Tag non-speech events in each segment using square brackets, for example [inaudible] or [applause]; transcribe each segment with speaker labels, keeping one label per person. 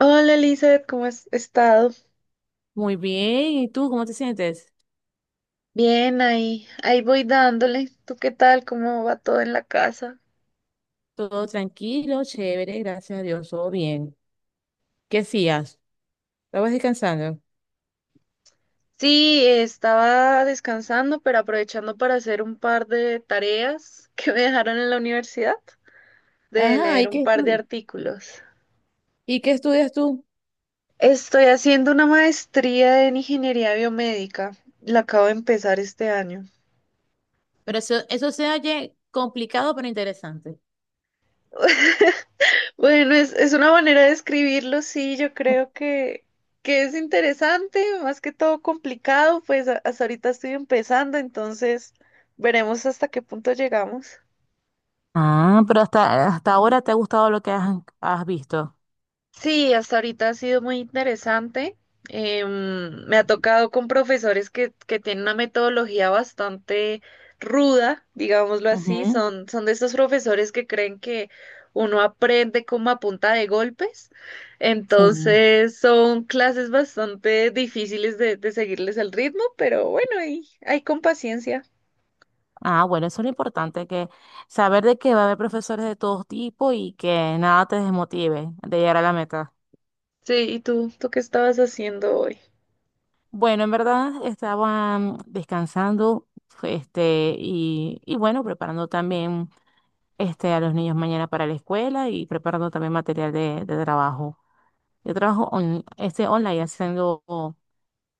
Speaker 1: Hola Elizabeth, ¿cómo has estado?
Speaker 2: Muy bien, ¿y tú cómo te sientes?
Speaker 1: Bien, ahí voy dándole. ¿Tú qué tal? ¿Cómo va todo en la casa?
Speaker 2: Todo tranquilo, chévere, gracias a Dios, todo bien. ¿Qué hacías? ¿Estabas descansando?
Speaker 1: Sí, estaba descansando, pero aprovechando para hacer un par de tareas que me dejaron en la universidad, de
Speaker 2: Ajá,
Speaker 1: leer un par de artículos.
Speaker 2: ¿Y qué estudias tú?
Speaker 1: Estoy haciendo una maestría en ingeniería biomédica. La acabo de empezar este año.
Speaker 2: Pero eso se oye complicado pero interesante.
Speaker 1: [laughs] Bueno, es una manera de escribirlo, sí, yo creo que es interesante, más que todo complicado, pues hasta ahorita estoy empezando, entonces veremos hasta qué punto llegamos.
Speaker 2: Ah, pero hasta ahora te ha gustado lo que has visto.
Speaker 1: Sí, hasta ahorita ha sido muy interesante. Me ha tocado con profesores que tienen una metodología bastante ruda, digámoslo así.
Speaker 2: Ujú.
Speaker 1: Son de estos profesores que creen que uno aprende como a punta de golpes.
Speaker 2: Sí.
Speaker 1: Entonces son clases bastante difíciles de seguirles el ritmo, pero bueno, ahí con paciencia.
Speaker 2: Ah, bueno, eso es lo importante, que saber de que va a haber profesores de todo tipo y que nada te desmotive de llegar a la meta.
Speaker 1: Sí, ¿y tú qué estabas haciendo hoy?
Speaker 2: Bueno, en verdad estaban descansando, y bueno, preparando también a los niños mañana para la escuela y preparando también material de trabajo. Yo trabajo online haciendo,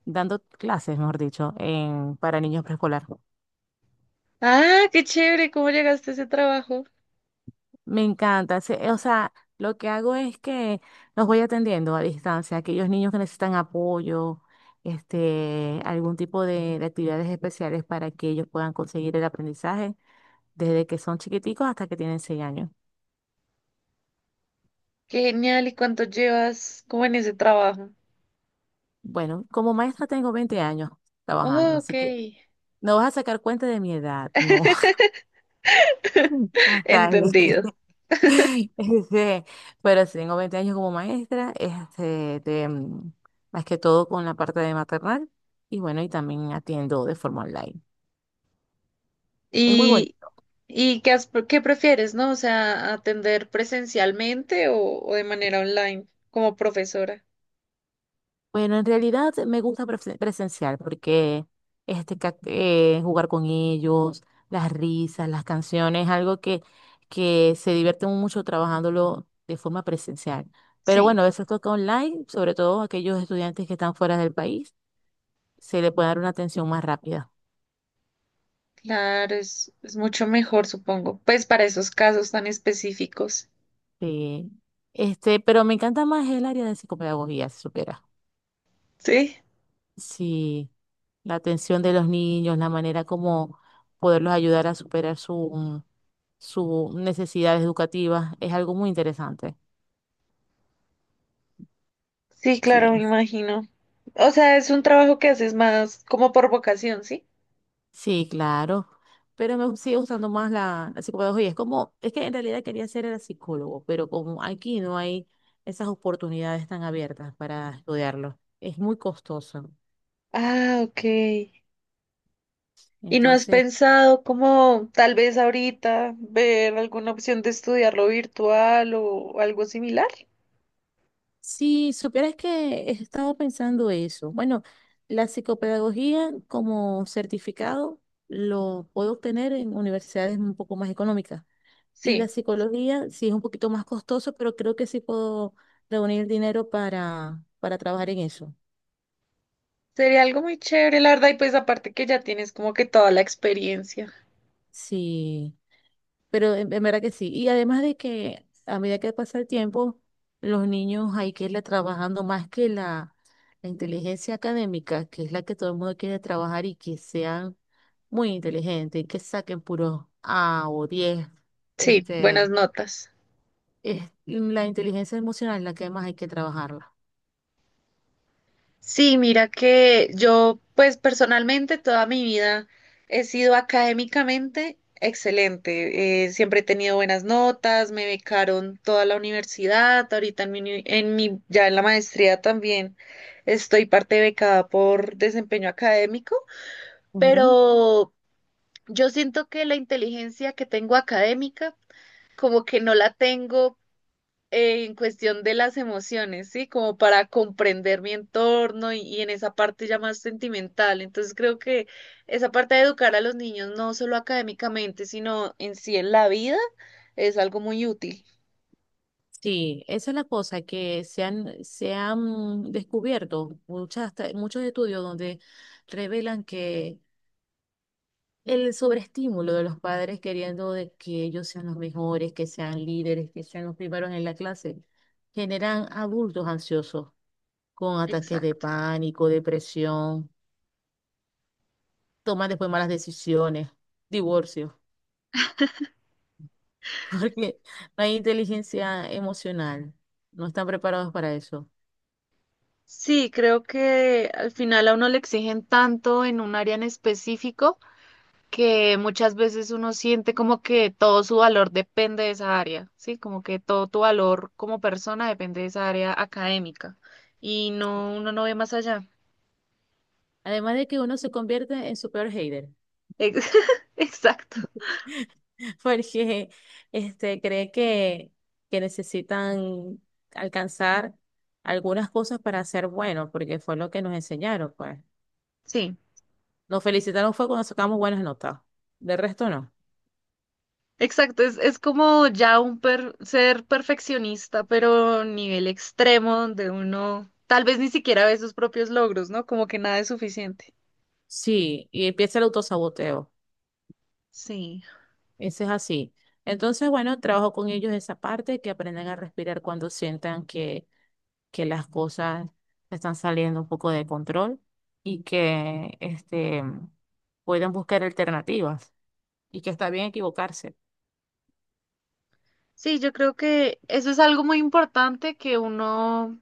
Speaker 2: dando clases, mejor dicho, en, para niños preescolar.
Speaker 1: Ah, qué chévere, ¿cómo llegaste a ese trabajo?
Speaker 2: Me encanta, o sea, lo que hago es que los voy atendiendo a distancia, aquellos niños que necesitan apoyo, algún tipo de actividades especiales para que ellos puedan conseguir el aprendizaje. Desde que son chiquiticos hasta que tienen 6 años.
Speaker 1: Qué genial. ¿Y cuánto llevas como en ese trabajo?
Speaker 2: Bueno, como maestra tengo 20 años trabajando,
Speaker 1: Oh, ok.
Speaker 2: así que no vas a sacar cuenta de mi edad, no, [laughs] hasta ahí.
Speaker 1: Entendido.
Speaker 2: [laughs] Este, pero si tengo 20 años como maestra, más que todo con la parte de maternal y bueno, y también atiendo de forma online. Es muy bueno.
Speaker 1: ¿Y, y qué prefieres, ¿no? O sea, atender presencialmente o de manera online como profesora.
Speaker 2: Bueno, en realidad me gusta presencial porque jugar con ellos, las risas, las canciones, algo que se divierten mucho trabajándolo de forma presencial. Pero
Speaker 1: Sí,
Speaker 2: bueno, eso toca online, sobre todo aquellos estudiantes que están fuera del país, se le puede dar una atención más rápida.
Speaker 1: claro, es mucho mejor, supongo. Pues para esos casos tan específicos.
Speaker 2: Sí. Pero me encanta más el área de psicopedagogía, si supieras.
Speaker 1: Sí,
Speaker 2: Sí, la atención de los niños, la manera como poderlos ayudar a superar sus necesidades educativas, es algo muy interesante.
Speaker 1: sí,
Speaker 2: Sí,
Speaker 1: claro, me imagino. O sea, es un trabajo que haces más como por vocación, ¿sí?
Speaker 2: sí, claro. Pero me sigue gustando más la psicopedagogía. Es como, es que en realidad quería ser el psicólogo, pero como aquí no hay esas oportunidades tan abiertas para estudiarlo, es muy costoso.
Speaker 1: Ah, ok. ¿Y no has
Speaker 2: Entonces,
Speaker 1: pensado como tal vez ahorita ver alguna opción de estudiarlo virtual o algo similar?
Speaker 2: si supieras que he estado pensando eso. Bueno, la psicopedagogía como certificado lo puedo obtener en universidades un poco más económicas. Y la
Speaker 1: Sí,
Speaker 2: psicología sí es un poquito más costoso, pero creo que sí puedo reunir dinero para trabajar en eso.
Speaker 1: sería algo muy chévere, la verdad, y pues aparte que ya tienes como que toda la experiencia.
Speaker 2: Sí. Pero en verdad que sí. Y además de que a medida que pasa el tiempo, los niños hay que irle trabajando más que la inteligencia académica, que es la que todo el mundo quiere trabajar y que sean muy inteligentes, y que saquen puros A o 10.
Speaker 1: Sí,
Speaker 2: Este,
Speaker 1: buenas notas.
Speaker 2: es la inteligencia emocional la que más hay que trabajarla.
Speaker 1: Sí, mira que yo, pues personalmente, toda mi vida he sido académicamente excelente. Siempre he tenido buenas notas, me becaron toda la universidad, ahorita en mi, uni- en mi, ya en la maestría también estoy parte becada por desempeño académico,
Speaker 2: Ujú.
Speaker 1: pero yo siento que la inteligencia que tengo académica, como que no la tengo en cuestión de las emociones, ¿sí? Como para comprender mi entorno y en esa parte ya más sentimental. Entonces creo que esa parte de educar a los niños, no solo académicamente, sino en sí en la vida, es algo muy útil.
Speaker 2: Sí, esa es la cosa, que se han descubierto muchos estudios donde revelan que el sobreestímulo de los padres queriendo de que ellos sean los mejores, que sean líderes, que sean los primeros en la clase, generan adultos ansiosos con ataques de
Speaker 1: Exacto.
Speaker 2: pánico, depresión, toman después malas decisiones, divorcios, [laughs] porque no hay inteligencia emocional, no están preparados para eso.
Speaker 1: Sí, creo que al final a uno le exigen tanto en un área en específico, que muchas veces uno siente como que todo su valor depende de esa área, ¿sí? Como que todo tu valor como persona depende de esa área académica y no, uno no ve más allá.
Speaker 2: Además de que uno se convierte en su peor hater.
Speaker 1: Ex- [laughs] Exacto,
Speaker 2: [laughs] Porque cree que necesitan alcanzar algunas cosas para ser buenos, porque fue lo que nos enseñaron, pues.
Speaker 1: sí,
Speaker 2: Nos felicitaron fue cuando sacamos buenas notas, de resto no.
Speaker 1: exacto, es como ya ser perfeccionista, pero nivel extremo donde uno tal vez ni siquiera ve sus propios logros, ¿no? Como que nada es suficiente.
Speaker 2: Sí, y empieza el autosaboteo,
Speaker 1: Sí.
Speaker 2: ese es así. Entonces, bueno, trabajo con ellos esa parte, que aprendan a respirar cuando sientan que las cosas están saliendo un poco de control y puedan buscar alternativas y que está bien equivocarse.
Speaker 1: Sí, yo creo que eso es algo muy importante que uno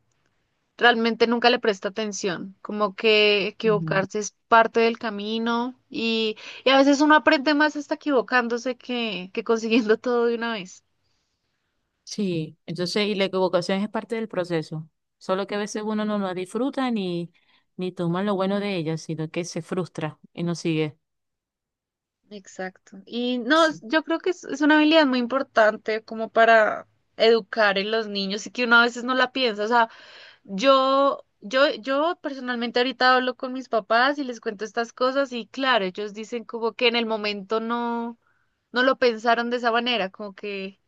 Speaker 1: realmente nunca le presta atención, como que
Speaker 2: Ujú.
Speaker 1: equivocarse es parte del camino y a veces uno aprende más hasta equivocándose que consiguiendo [laughs] todo de una vez.
Speaker 2: Sí, entonces, y la equivocación es parte del proceso, solo que a veces uno no la disfruta ni toma lo bueno de ella, sino que se frustra y no sigue.
Speaker 1: Exacto. Y no,
Speaker 2: Sí.
Speaker 1: yo creo que es una habilidad muy importante como para educar en los niños y que uno a veces no la piensa. O sea, yo personalmente ahorita hablo con mis papás y les cuento estas cosas y claro, ellos dicen como que en el momento no, no lo pensaron de esa manera, como que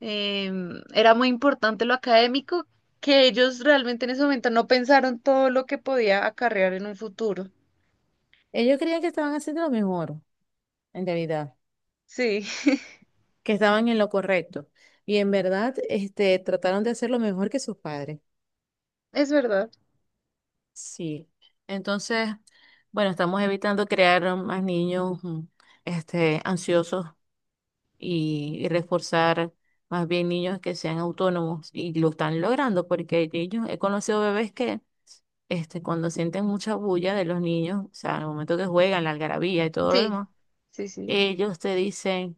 Speaker 1: era muy importante lo académico, que ellos realmente en ese momento no pensaron todo lo que podía acarrear en un futuro.
Speaker 2: Ellos creían que estaban haciendo lo mejor, en realidad,
Speaker 1: Sí,
Speaker 2: que estaban en lo correcto, y en verdad, trataron de hacer lo mejor que sus padres.
Speaker 1: [laughs] es verdad.
Speaker 2: Sí, entonces, bueno, estamos evitando crear más niños, ansiosos y reforzar más bien niños que sean autónomos y lo están logrando porque ellos, he conocido bebés que cuando sienten mucha bulla de los niños, o sea, en el momento que juegan, la algarabía y todo lo
Speaker 1: Sí,
Speaker 2: demás,
Speaker 1: sí, sí.
Speaker 2: ellos te dicen,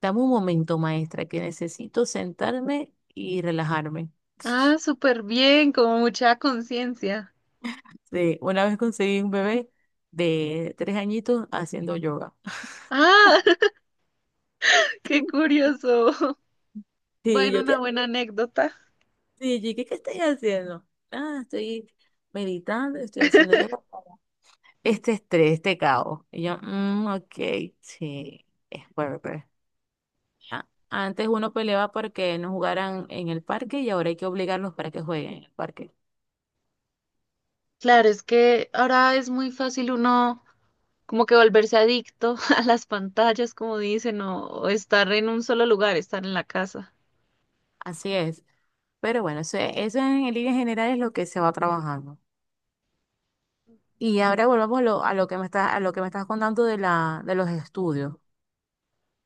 Speaker 2: dame un momento, maestra, que necesito sentarme y relajarme.
Speaker 1: Ah, súper bien, como mucha conciencia.
Speaker 2: Sí, una vez conseguí un bebé de 3 añitos haciendo yoga. [laughs]
Speaker 1: Ah, [laughs] qué curioso.
Speaker 2: Sí,
Speaker 1: Bueno,
Speaker 2: yo, ¿qué?
Speaker 1: una buena anécdota.
Speaker 2: Sí, yo, ¿qué estás haciendo? Ah, estoy meditando, estoy haciendo yoga. Este estrés, este caos. Y yo, ok, sí, es Werber. Ah, antes uno peleaba porque no jugaran en el parque y ahora hay que obligarlos para que jueguen en el parque.
Speaker 1: Claro, es que ahora es muy fácil uno como que volverse adicto [laughs] a las pantallas, como dicen, o estar en un solo lugar, estar en la casa.
Speaker 2: Así es. Pero bueno, eso en líneas generales es lo que se va trabajando. Y ahora volvamos a lo que me estás contando de los estudios.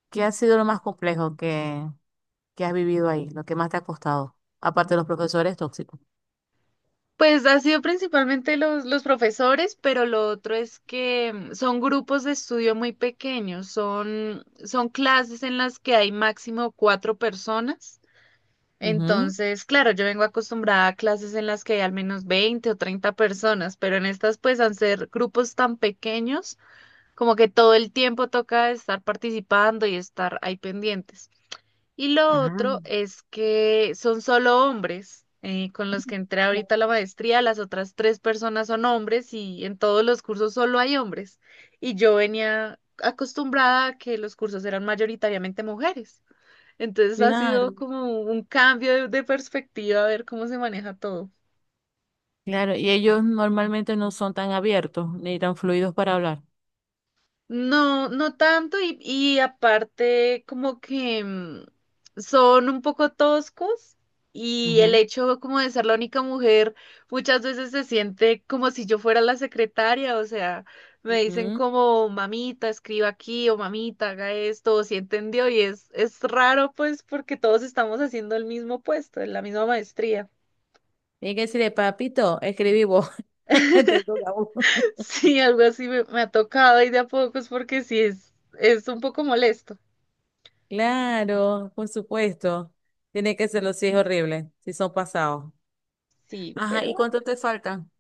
Speaker 2: ¿Qué ha sido lo más complejo que has vivido ahí? Lo que más te ha costado, aparte de los profesores tóxicos.
Speaker 1: Pues ha sido principalmente los profesores, pero lo otro es que son grupos de estudio muy pequeños, son clases en las que hay máximo cuatro personas.
Speaker 2: Ujú.
Speaker 1: Entonces, claro, yo vengo acostumbrada a clases en las que hay al menos 20 o 30 personas, pero en estas pues al ser grupos tan pequeños, como que todo el tiempo toca estar participando y estar ahí pendientes. Y lo
Speaker 2: Ajá.
Speaker 1: otro es que son solo hombres, con los que entré ahorita a la maestría. Las otras tres personas son hombres y en todos los cursos solo hay hombres. Y yo venía acostumbrada a que los cursos eran mayoritariamente mujeres. Entonces ha sido
Speaker 2: Claro.
Speaker 1: como un cambio de perspectiva a ver cómo se maneja todo.
Speaker 2: Claro, y ellos normalmente no son tan abiertos ni tan fluidos para hablar.
Speaker 1: No, no tanto y aparte como que son un poco toscos y el
Speaker 2: Ujú,
Speaker 1: hecho como de ser la única mujer muchas veces se siente como si yo fuera la secretaria. O sea, me dicen
Speaker 2: ujú.
Speaker 1: como mamita, escriba aquí, o mamita, haga esto, o si entendió, y es raro pues porque todos estamos haciendo el mismo puesto, la misma maestría.
Speaker 2: Tiene que decirle, papito, escribí vos. [laughs] Te toca a vos.
Speaker 1: [laughs] Sí, algo así me ha tocado y de a pocos porque sí es un poco molesto.
Speaker 2: Claro, por supuesto. Tiene que serlo si es horrible, si son pasados.
Speaker 1: Sí,
Speaker 2: Ajá, ¿y
Speaker 1: pero...
Speaker 2: cuánto te faltan?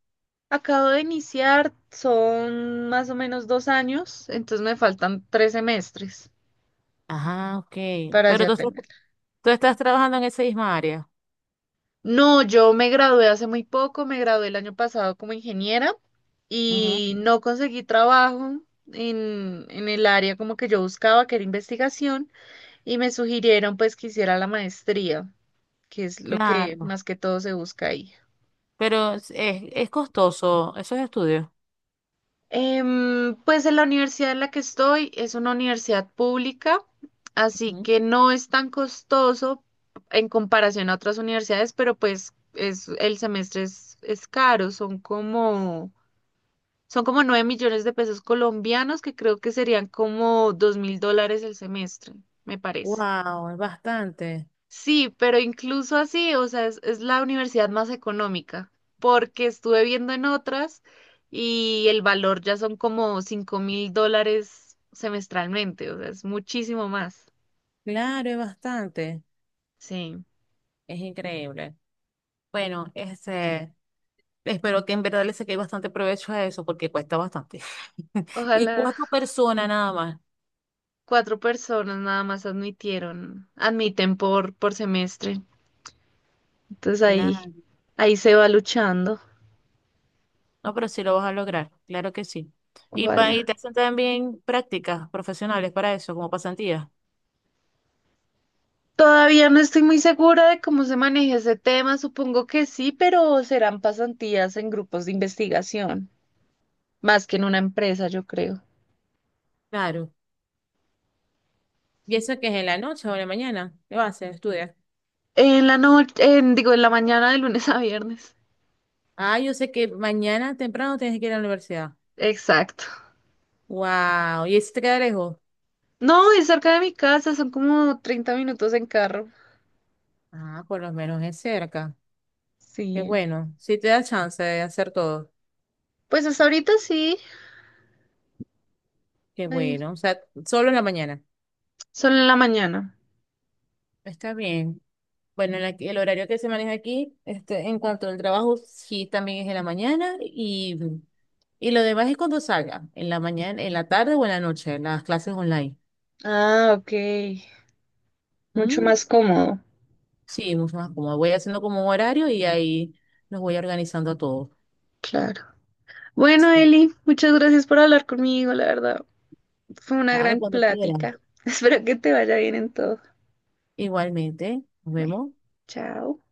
Speaker 1: Acabo de iniciar, son más o menos 2 años, entonces me faltan 3 semestres
Speaker 2: Ajá, ok.
Speaker 1: para
Speaker 2: Pero
Speaker 1: ya tenerla.
Speaker 2: tú estás trabajando en esa misma área.
Speaker 1: No, yo me gradué hace muy poco, me gradué el año pasado como ingeniera
Speaker 2: Ujú.
Speaker 1: y no conseguí trabajo en el área como que yo buscaba, que era investigación, y me sugirieron pues que hiciera la maestría, que es lo que
Speaker 2: Claro.
Speaker 1: más que todo se busca ahí.
Speaker 2: Pero es costoso esos estudios.
Speaker 1: Pues en la universidad en la que estoy es una universidad pública, así
Speaker 2: Ujú.
Speaker 1: que no es tan costoso en comparación a otras universidades, pero pues el semestre es caro, son como 9 millones de pesos colombianos, que creo que serían como 2.000 dólares el semestre, me parece.
Speaker 2: Wow, es bastante.
Speaker 1: Sí, pero incluso así, o sea, es la universidad más económica, porque estuve viendo en otras y el valor ya son como 5.000 dólares semestralmente, o sea, es muchísimo más.
Speaker 2: Claro, es bastante.
Speaker 1: Sí.
Speaker 2: Es increíble. Bueno, espero que en verdad le saqué bastante provecho a eso porque cuesta bastante. [laughs] Y
Speaker 1: Ojalá.
Speaker 2: cuatro personas nada más.
Speaker 1: Cuatro personas nada más admitieron, admiten por semestre. Entonces ahí,
Speaker 2: Claro.
Speaker 1: ahí se va luchando.
Speaker 2: No, pero sí lo vas a lograr, claro que sí. Y
Speaker 1: Ojalá.
Speaker 2: te hacen también prácticas profesionales para eso, como pasantías.
Speaker 1: Todavía no estoy muy segura de cómo se maneja ese tema, supongo que sí, pero serán pasantías en grupos de investigación, más que en una empresa, yo creo.
Speaker 2: Claro. ¿Y eso que es en la noche o en la mañana? ¿Qué vas a hacer? Estudiar.
Speaker 1: En la noche, en, digo, en la mañana de lunes a viernes.
Speaker 2: Ah, yo sé que mañana temprano tienes que ir a la universidad.
Speaker 1: Exacto.
Speaker 2: Wow. ¿Y eso te queda lejos?
Speaker 1: No, es cerca de mi casa, son como 30 minutos en carro.
Speaker 2: Ah, por lo menos es cerca. Qué
Speaker 1: Sí.
Speaker 2: bueno. Sí te da chance de hacer todo.
Speaker 1: Pues hasta ahorita sí,
Speaker 2: Qué
Speaker 1: ahí,
Speaker 2: bueno. O sea, solo en la mañana.
Speaker 1: solo en la mañana.
Speaker 2: Está bien. Bueno, el horario que se maneja aquí, en cuanto al trabajo, sí, también es en la mañana y lo demás es cuando salga, en la mañana, en la tarde o en la noche, en las clases online.
Speaker 1: Ah, ok. Mucho
Speaker 2: Mm,
Speaker 1: más cómodo.
Speaker 2: sí, mucho más cómodo. Voy haciendo como un horario y ahí nos voy organizando a todos.
Speaker 1: Claro. Bueno,
Speaker 2: Sí,
Speaker 1: Eli, muchas gracias por hablar conmigo, la verdad. Fue una
Speaker 2: claro,
Speaker 1: gran
Speaker 2: cuando quieran.
Speaker 1: plática. [laughs] Espero que te vaya bien en todo.
Speaker 2: Igualmente, nos
Speaker 1: Bueno,
Speaker 2: vemos.
Speaker 1: chao.